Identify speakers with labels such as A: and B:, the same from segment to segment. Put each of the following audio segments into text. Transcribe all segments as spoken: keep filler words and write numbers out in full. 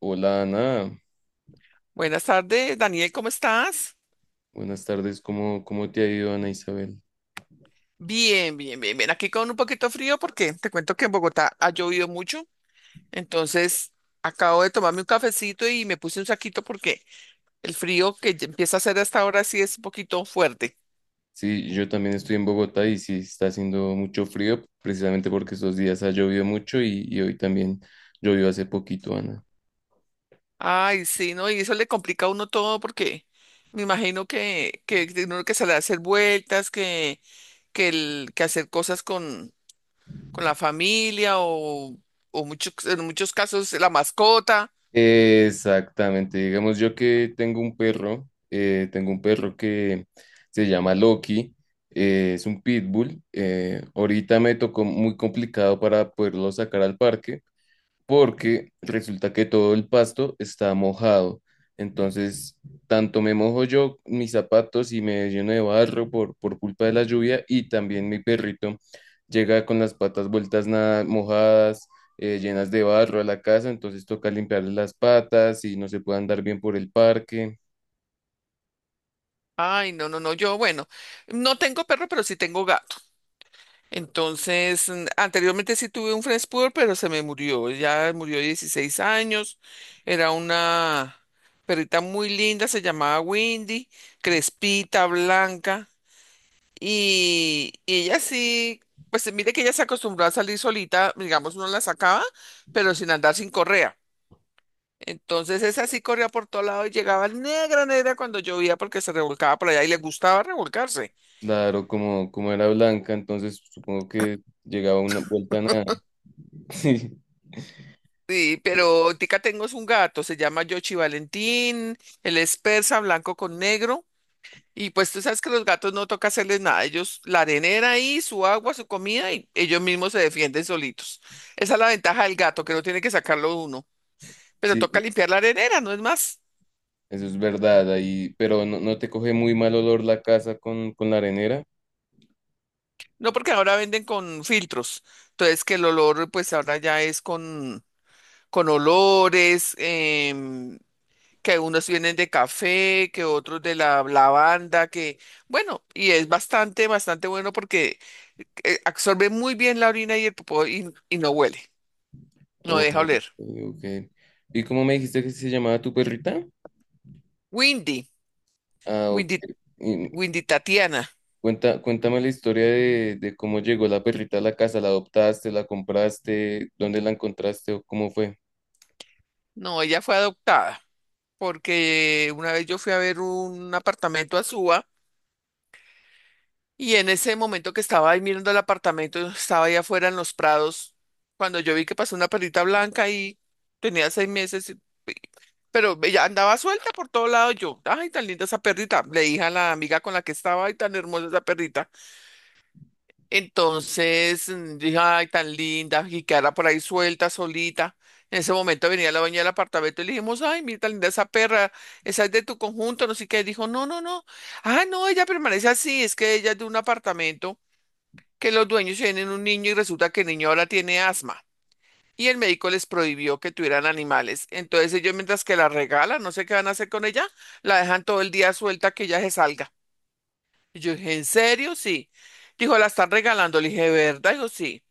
A: Hola Ana,
B: Buenas tardes, Daniel, ¿cómo estás?
A: buenas tardes, ¿cómo, cómo te ha ido Ana Isabel?
B: Bien, bien, bien, bien. Aquí con un poquito frío porque te cuento que en Bogotá ha llovido mucho. Entonces, acabo de tomarme un cafecito y me puse un saquito porque el frío que ya empieza a hacer hasta ahora sí es un poquito fuerte.
A: Sí, yo también estoy en Bogotá y sí está haciendo mucho frío, precisamente porque estos días ha llovido mucho y, y hoy también llovió hace poquito, Ana.
B: Ay, sí, ¿no? Y eso le complica a uno todo porque me imagino que, que tiene uno que salir a hacer vueltas, que, que, el, que hacer cosas con, con la familia o, o muchos, en muchos casos la mascota.
A: Exactamente, digamos yo que tengo un perro, eh, tengo un perro que se llama Loki, eh, es un pitbull, eh, ahorita me tocó muy complicado para poderlo sacar al parque porque resulta que todo el pasto está mojado. Entonces, tanto me mojo yo mis zapatos y me lleno de barro por, por culpa de la lluvia y también mi perrito llega con las patas vueltas nada mojadas, eh, llenas de barro a la casa, entonces toca limpiarle las patas y no se puede andar bien por el parque.
B: Ay, no, no, no, yo, bueno, no tengo perro, pero sí tengo gato. Entonces, mm, anteriormente sí tuve un French Poodle, pero se me murió. Ya murió de dieciséis años. Era una perrita muy linda, se llamaba Windy, crespita, blanca. Y, y ella sí, pues mire que ella se acostumbró a salir solita, digamos, uno la sacaba, pero sin andar sin correa. Entonces esa sí corría por todo lado y llegaba negra, negra cuando llovía porque se revolcaba por allá y le gustaba revolcarse.
A: Claro, como, como era blanca, entonces supongo que llegaba una vuelta nada. Sí,
B: Sí, pero tica tengo es un gato, se llama Yoshi Valentín, él es persa, blanco con negro, y pues tú sabes que los gatos no toca hacerles nada, ellos la arenera ahí, su agua, su comida, y ellos mismos se defienden solitos. Esa es la ventaja del gato, que no tiene que sacarlo uno, pero
A: sí,
B: toca limpiar la arenera, no es más.
A: eso es verdad, ahí, pero no, no te coge muy mal olor la casa con, con la arenera.
B: No porque ahora venden con filtros, entonces que el olor pues ahora ya es con, con olores, em, que unos vienen de café, que otros de la lavanda, que bueno, y es bastante, bastante bueno porque eh, absorbe muy bien la orina y el popó y, y no huele, no
A: Oh,
B: deja
A: ok.
B: oler.
A: Ok. ¿Y cómo me dijiste que se llamaba tu perrita?
B: Windy.
A: Ah, ok.
B: Windy.
A: Y
B: Windy Tatiana.
A: cuenta, cuéntame la historia de, de cómo llegó la perrita a la casa. ¿La adoptaste, la compraste, dónde la encontraste o cómo fue?
B: No, ella fue adoptada porque una vez yo fui a ver un apartamento a Suba y en ese momento que estaba ahí mirando el apartamento, estaba ahí afuera en los prados, cuando yo vi que pasó una perrita blanca y tenía seis meses. Pero ella andaba suelta por todo lado yo. Ay, tan linda esa perrita. Le dije a la amiga con la que estaba, ay, tan hermosa esa perrita. Entonces mm, dije, ay, tan linda, y quedara por ahí suelta, solita. En ese momento venía la dueña del apartamento y le dijimos, ay, mira, tan linda esa perra, esa es de tu conjunto, no sé qué. Dijo, no, no, no. Ah, no, ella permanece así, es que ella es de un apartamento que los dueños tienen un niño y resulta que el niño ahora tiene asma y el médico les prohibió que tuvieran animales. Entonces ellos mientras que la regalan, no sé qué van a hacer con ella, la dejan todo el día suelta que ella se salga. Y yo dije, ¿en serio? Sí. Dijo, la están regalando. Le dije, ¿verdad? Dijo, sí.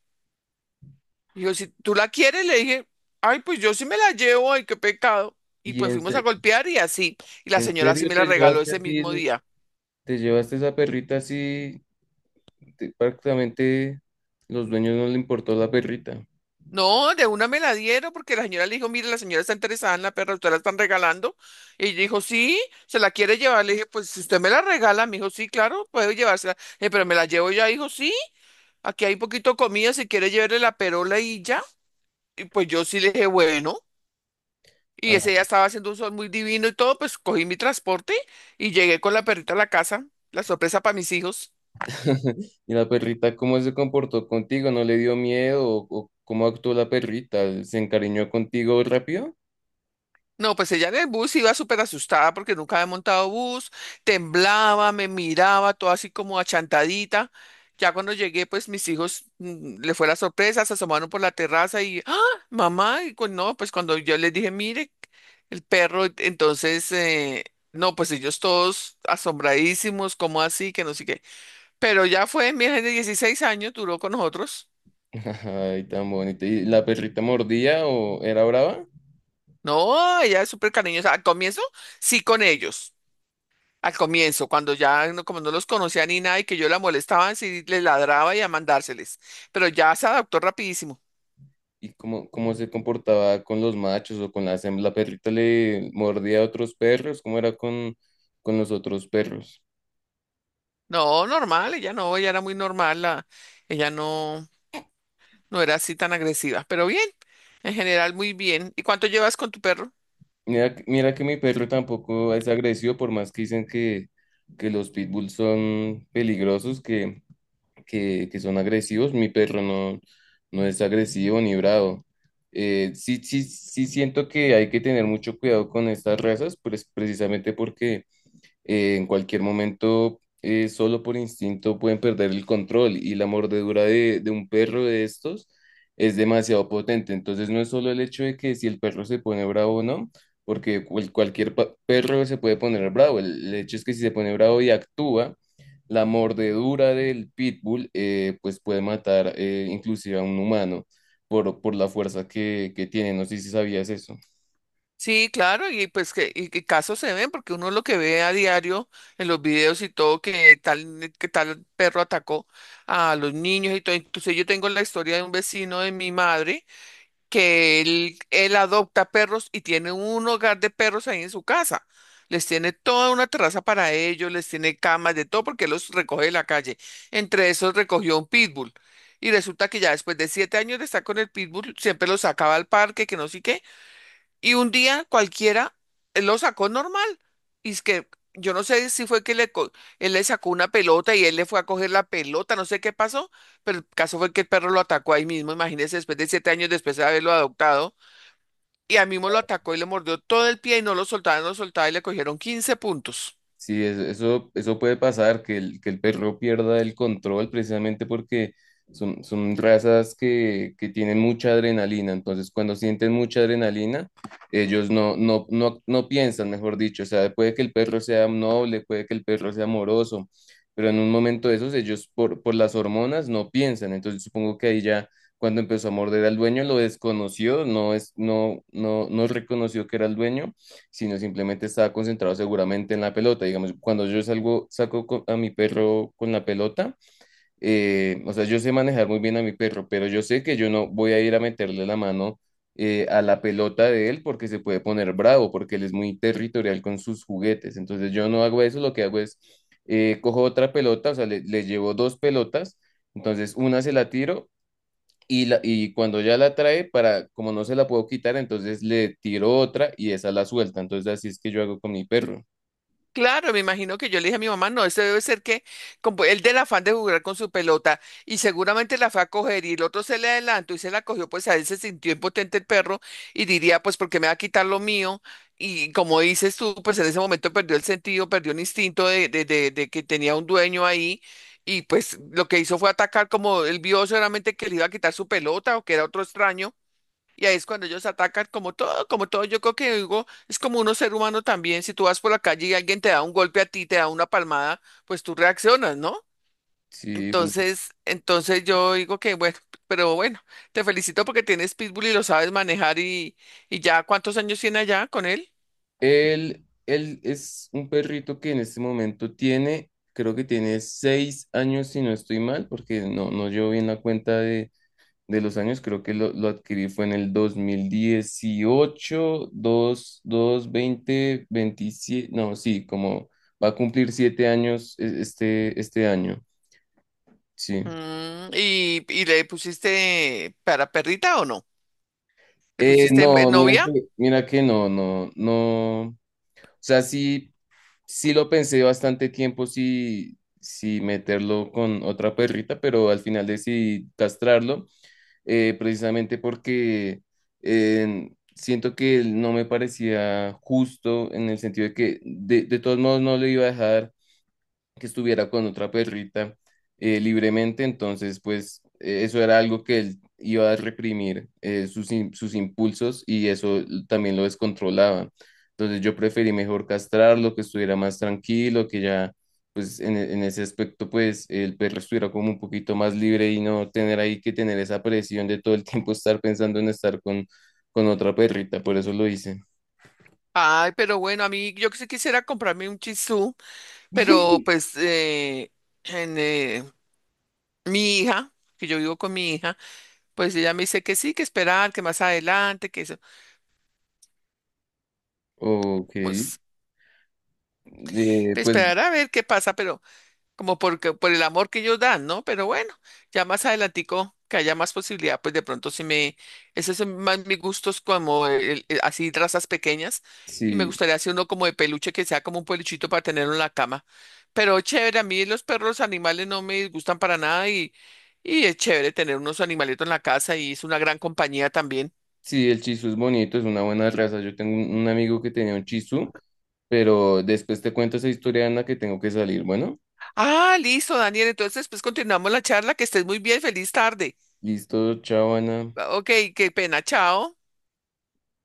B: Dijo, si tú la quieres, le dije, ay, pues yo sí me la llevo, ay, qué pecado. Y
A: ¿Y
B: pues
A: en,
B: fuimos a
A: se-
B: golpear y así. Y la
A: en
B: señora sí
A: serio
B: me la
A: te
B: regaló
A: llevaste
B: ese
A: así,
B: mismo
A: el-
B: día.
A: te llevaste esa perrita así? te- prácticamente los dueños no le importó la perrita.
B: No, de una me la dieron porque la señora le dijo, mire, la señora está interesada en la perra, usted la están regalando. Y dijo, sí, se la quiere llevar. Le dije, pues si usted me la regala, me dijo, sí, claro, puedo llevársela. Le dije, pero me la llevo ya, dijo, sí, aquí hay poquito de comida, si quiere llevarle la perola y ya. Y pues yo sí le dije, bueno. Y ese día estaba haciendo un sol muy divino y todo, pues cogí mi transporte y llegué con la perrita a la casa, la sorpresa para mis hijos.
A: ¿Y la perrita cómo se comportó contigo? ¿No le dio miedo? ¿O, o cómo actuó la perrita? ¿Se encariñó contigo rápido?
B: No, pues ella en el bus iba súper asustada porque nunca había montado bus, temblaba, me miraba, todo así como achantadita. Ya cuando llegué, pues mis hijos mm, le fue la sorpresa, se asomaron por la terraza y, ¡ah, mamá! Y cu- no, pues cuando yo les dije, mire, el perro, entonces, eh, no, pues ellos todos asombradísimos, ¿cómo así? Que no sé qué. Pero ya fue, mi hija de dieciséis años duró con nosotros.
A: Ay, tan bonita. ¿Y la perrita mordía o era brava?
B: No, ella es súper cariñosa. Al comienzo, sí con ellos. Al comienzo, cuando ya no, como no los conocía ni nada y que yo la molestaba, sí les ladraba y a mandárseles. Pero ya se adaptó rapidísimo.
A: ¿Y cómo, cómo se comportaba con los machos o con las hembras? ¿La perrita le mordía a otros perros? ¿Cómo era con, con los otros perros?
B: No, normal, ella no, ella era muy normal, la, ella no, no era así tan agresiva. Pero bien, en general muy bien. ¿Y cuánto llevas con tu perro?
A: Mira, que- mira que mi perro tampoco es agresivo, por más que dicen que, que los pitbulls son peligrosos, que que, que son agresivos. Mi perro no, no es agresivo ni bravo. Eh, sí, sí, sí siento que hay que tener mucho cuidado con estas razas, pues precisamente porque eh, en cualquier momento, eh, solo por instinto, pueden perder el control y la mordedura de, de un perro de estos es demasiado potente. Entonces, no es solo el hecho de que si el perro se pone bravo o no, porque cual- cualquier pa- perro se puede poner bravo. El, el hecho es que si se pone bravo y actúa, la mordedura del pitbull eh, pues puede matar eh, inclusive a un humano por, por la fuerza que, que tiene. No sé si sabías eso.
B: Sí, claro, y pues que y, y casos se ven, porque uno lo que ve a diario en los videos y todo, que tal, que tal perro atacó a los niños y todo. Entonces yo tengo la historia de un vecino de mi madre que él, él adopta perros y tiene un hogar de perros ahí en su casa. Les tiene toda una terraza para ellos, les tiene camas, de todo, porque él los recoge de la calle. Entre esos recogió un pitbull. Y resulta que ya después de siete años de estar con el pitbull, siempre lo sacaba al parque, que no sé qué, y un día cualquiera él lo sacó normal. Y es que yo no sé si fue que le co- él le sacó una pelota y él le fue a coger la pelota, no sé qué pasó, pero el caso fue que el perro lo atacó ahí mismo. Imagínese, después de siete años después de haberlo adoptado, y a mí mismo lo atacó y le mordió todo el pie y no lo soltaba, no lo soltaba y le cogieron quince puntos.
A: Sí, es- eso, eso puede pasar, que el, que el perro pierda el control precisamente porque son, son razas que, que tienen mucha adrenalina. Entonces, cuando sienten mucha adrenalina, ellos no, no, no, no piensan, mejor dicho. O sea, puede que el perro sea noble, puede que el perro sea amoroso, pero en un momento de esos, ellos por, por las hormonas no piensan. Entonces, supongo que ahí ya cuando empezó a morder al dueño, lo desconoció, no es, no, no, no reconoció que era el dueño sino simplemente estaba concentrado seguramente en la pelota. Digamos, cuando yo salgo, saco co- a mi perro con la pelota, eh, o sea, yo sé manejar muy bien a mi perro, pero yo sé que yo no voy a ir a meterle la mano eh, a la pelota de él porque se puede poner bravo, porque él es muy territorial con sus juguetes. Entonces yo no hago eso, lo que hago es, eh, cojo otra pelota, o sea, le, le llevo dos pelotas, entonces una se la tiro y, la, y cuando ya la trae, para, como no se la puedo quitar, entonces le tiro otra y esa la suelta. Entonces así es que yo hago con mi perro.
B: Claro, me imagino que yo le dije a mi mamá, no, este debe ser que como él del afán de jugar con su pelota y seguramente la fue a coger y el otro se le adelantó y se la cogió, pues a él se sintió impotente el perro y diría, pues porque me va a quitar lo mío y como dices tú, pues en ese momento perdió el sentido, perdió el instinto de, de, de, de que tenía un dueño ahí y pues lo que hizo fue atacar como él vio seguramente que le iba a quitar su pelota o que era otro extraño y ahí es cuando ellos atacan como todo, como todo. Yo creo que digo, es como uno ser humano también. Si tú vas por la calle y alguien te da un golpe a ti, te da una palmada, pues tú reaccionas, ¿no?
A: Sí, un-
B: Entonces, entonces yo digo que bueno, pero bueno, te felicito porque tienes pitbull y lo sabes manejar y, y ya, ¿cuántos años tiene allá con él?
A: él, él es un perrito que en este momento tiene, creo que tiene seis años si no estoy mal, porque no, no llevo bien la cuenta de, de los años, creo que lo, lo adquirí fue en el dos mil dieciocho dos dos veinte veintisiete no, sí, como va a cumplir siete años e- este, este año, sí.
B: Mm, ¿y, y le pusiste para perrita o no? ¿Te
A: Eh,
B: pusiste en- en
A: no, mira
B: novia?
A: que, mira que no, no, no. O sea, sí, sí lo pensé bastante tiempo, sí, sí meterlo con otra perrita, pero al final decidí castrarlo, eh, precisamente porque eh, siento que no me parecía justo en el sentido de que de, de todos modos no le iba a dejar que estuviera con otra perrita eh, libremente, entonces pues eh, eso era algo que él iba a reprimir eh, sus, im- sus impulsos y eso también lo descontrolaba. Entonces yo preferí mejor castrarlo, que estuviera más tranquilo, que ya pues en, e- en ese aspecto pues el perro estuviera como un poquito más libre y no tener ahí que tener esa presión de todo el tiempo estar pensando en estar con, con otra perrita, por eso lo hice.
B: Ay, pero bueno, a mí yo que sí quisiera comprarme un chisú, pero pues eh, en, eh, mi hija, que yo vivo con mi hija, pues ella me dice que sí, que esperar, que más adelante, que eso,
A: Ok, eh,
B: pues
A: pues
B: esperar a ver qué pasa, pero como porque, por el amor que ellos dan, ¿no? Pero bueno, ya más adelantico que haya más posibilidad, pues de pronto sí me, esos son más mis gustos como el- el- así razas pequeñas y me
A: sí.
B: gustaría hacer uno como de peluche que sea como un peluchito para tenerlo en la cama. Pero chévere, a mí los perros animales no me gustan para nada y, y es chévere tener unos animalitos en la casa y es una gran compañía también.
A: Sí, el Chisu es bonito, es una buena raza. Yo tengo un un amigo que tenía un Chisu, pero después te cuento esa historia, Ana, que tengo que salir. Bueno,
B: Ah, listo, Daniel, entonces pues continuamos la charla, que estés muy bien, feliz tarde.
A: listo, chao, Ana.
B: Ok, qué pena, chao.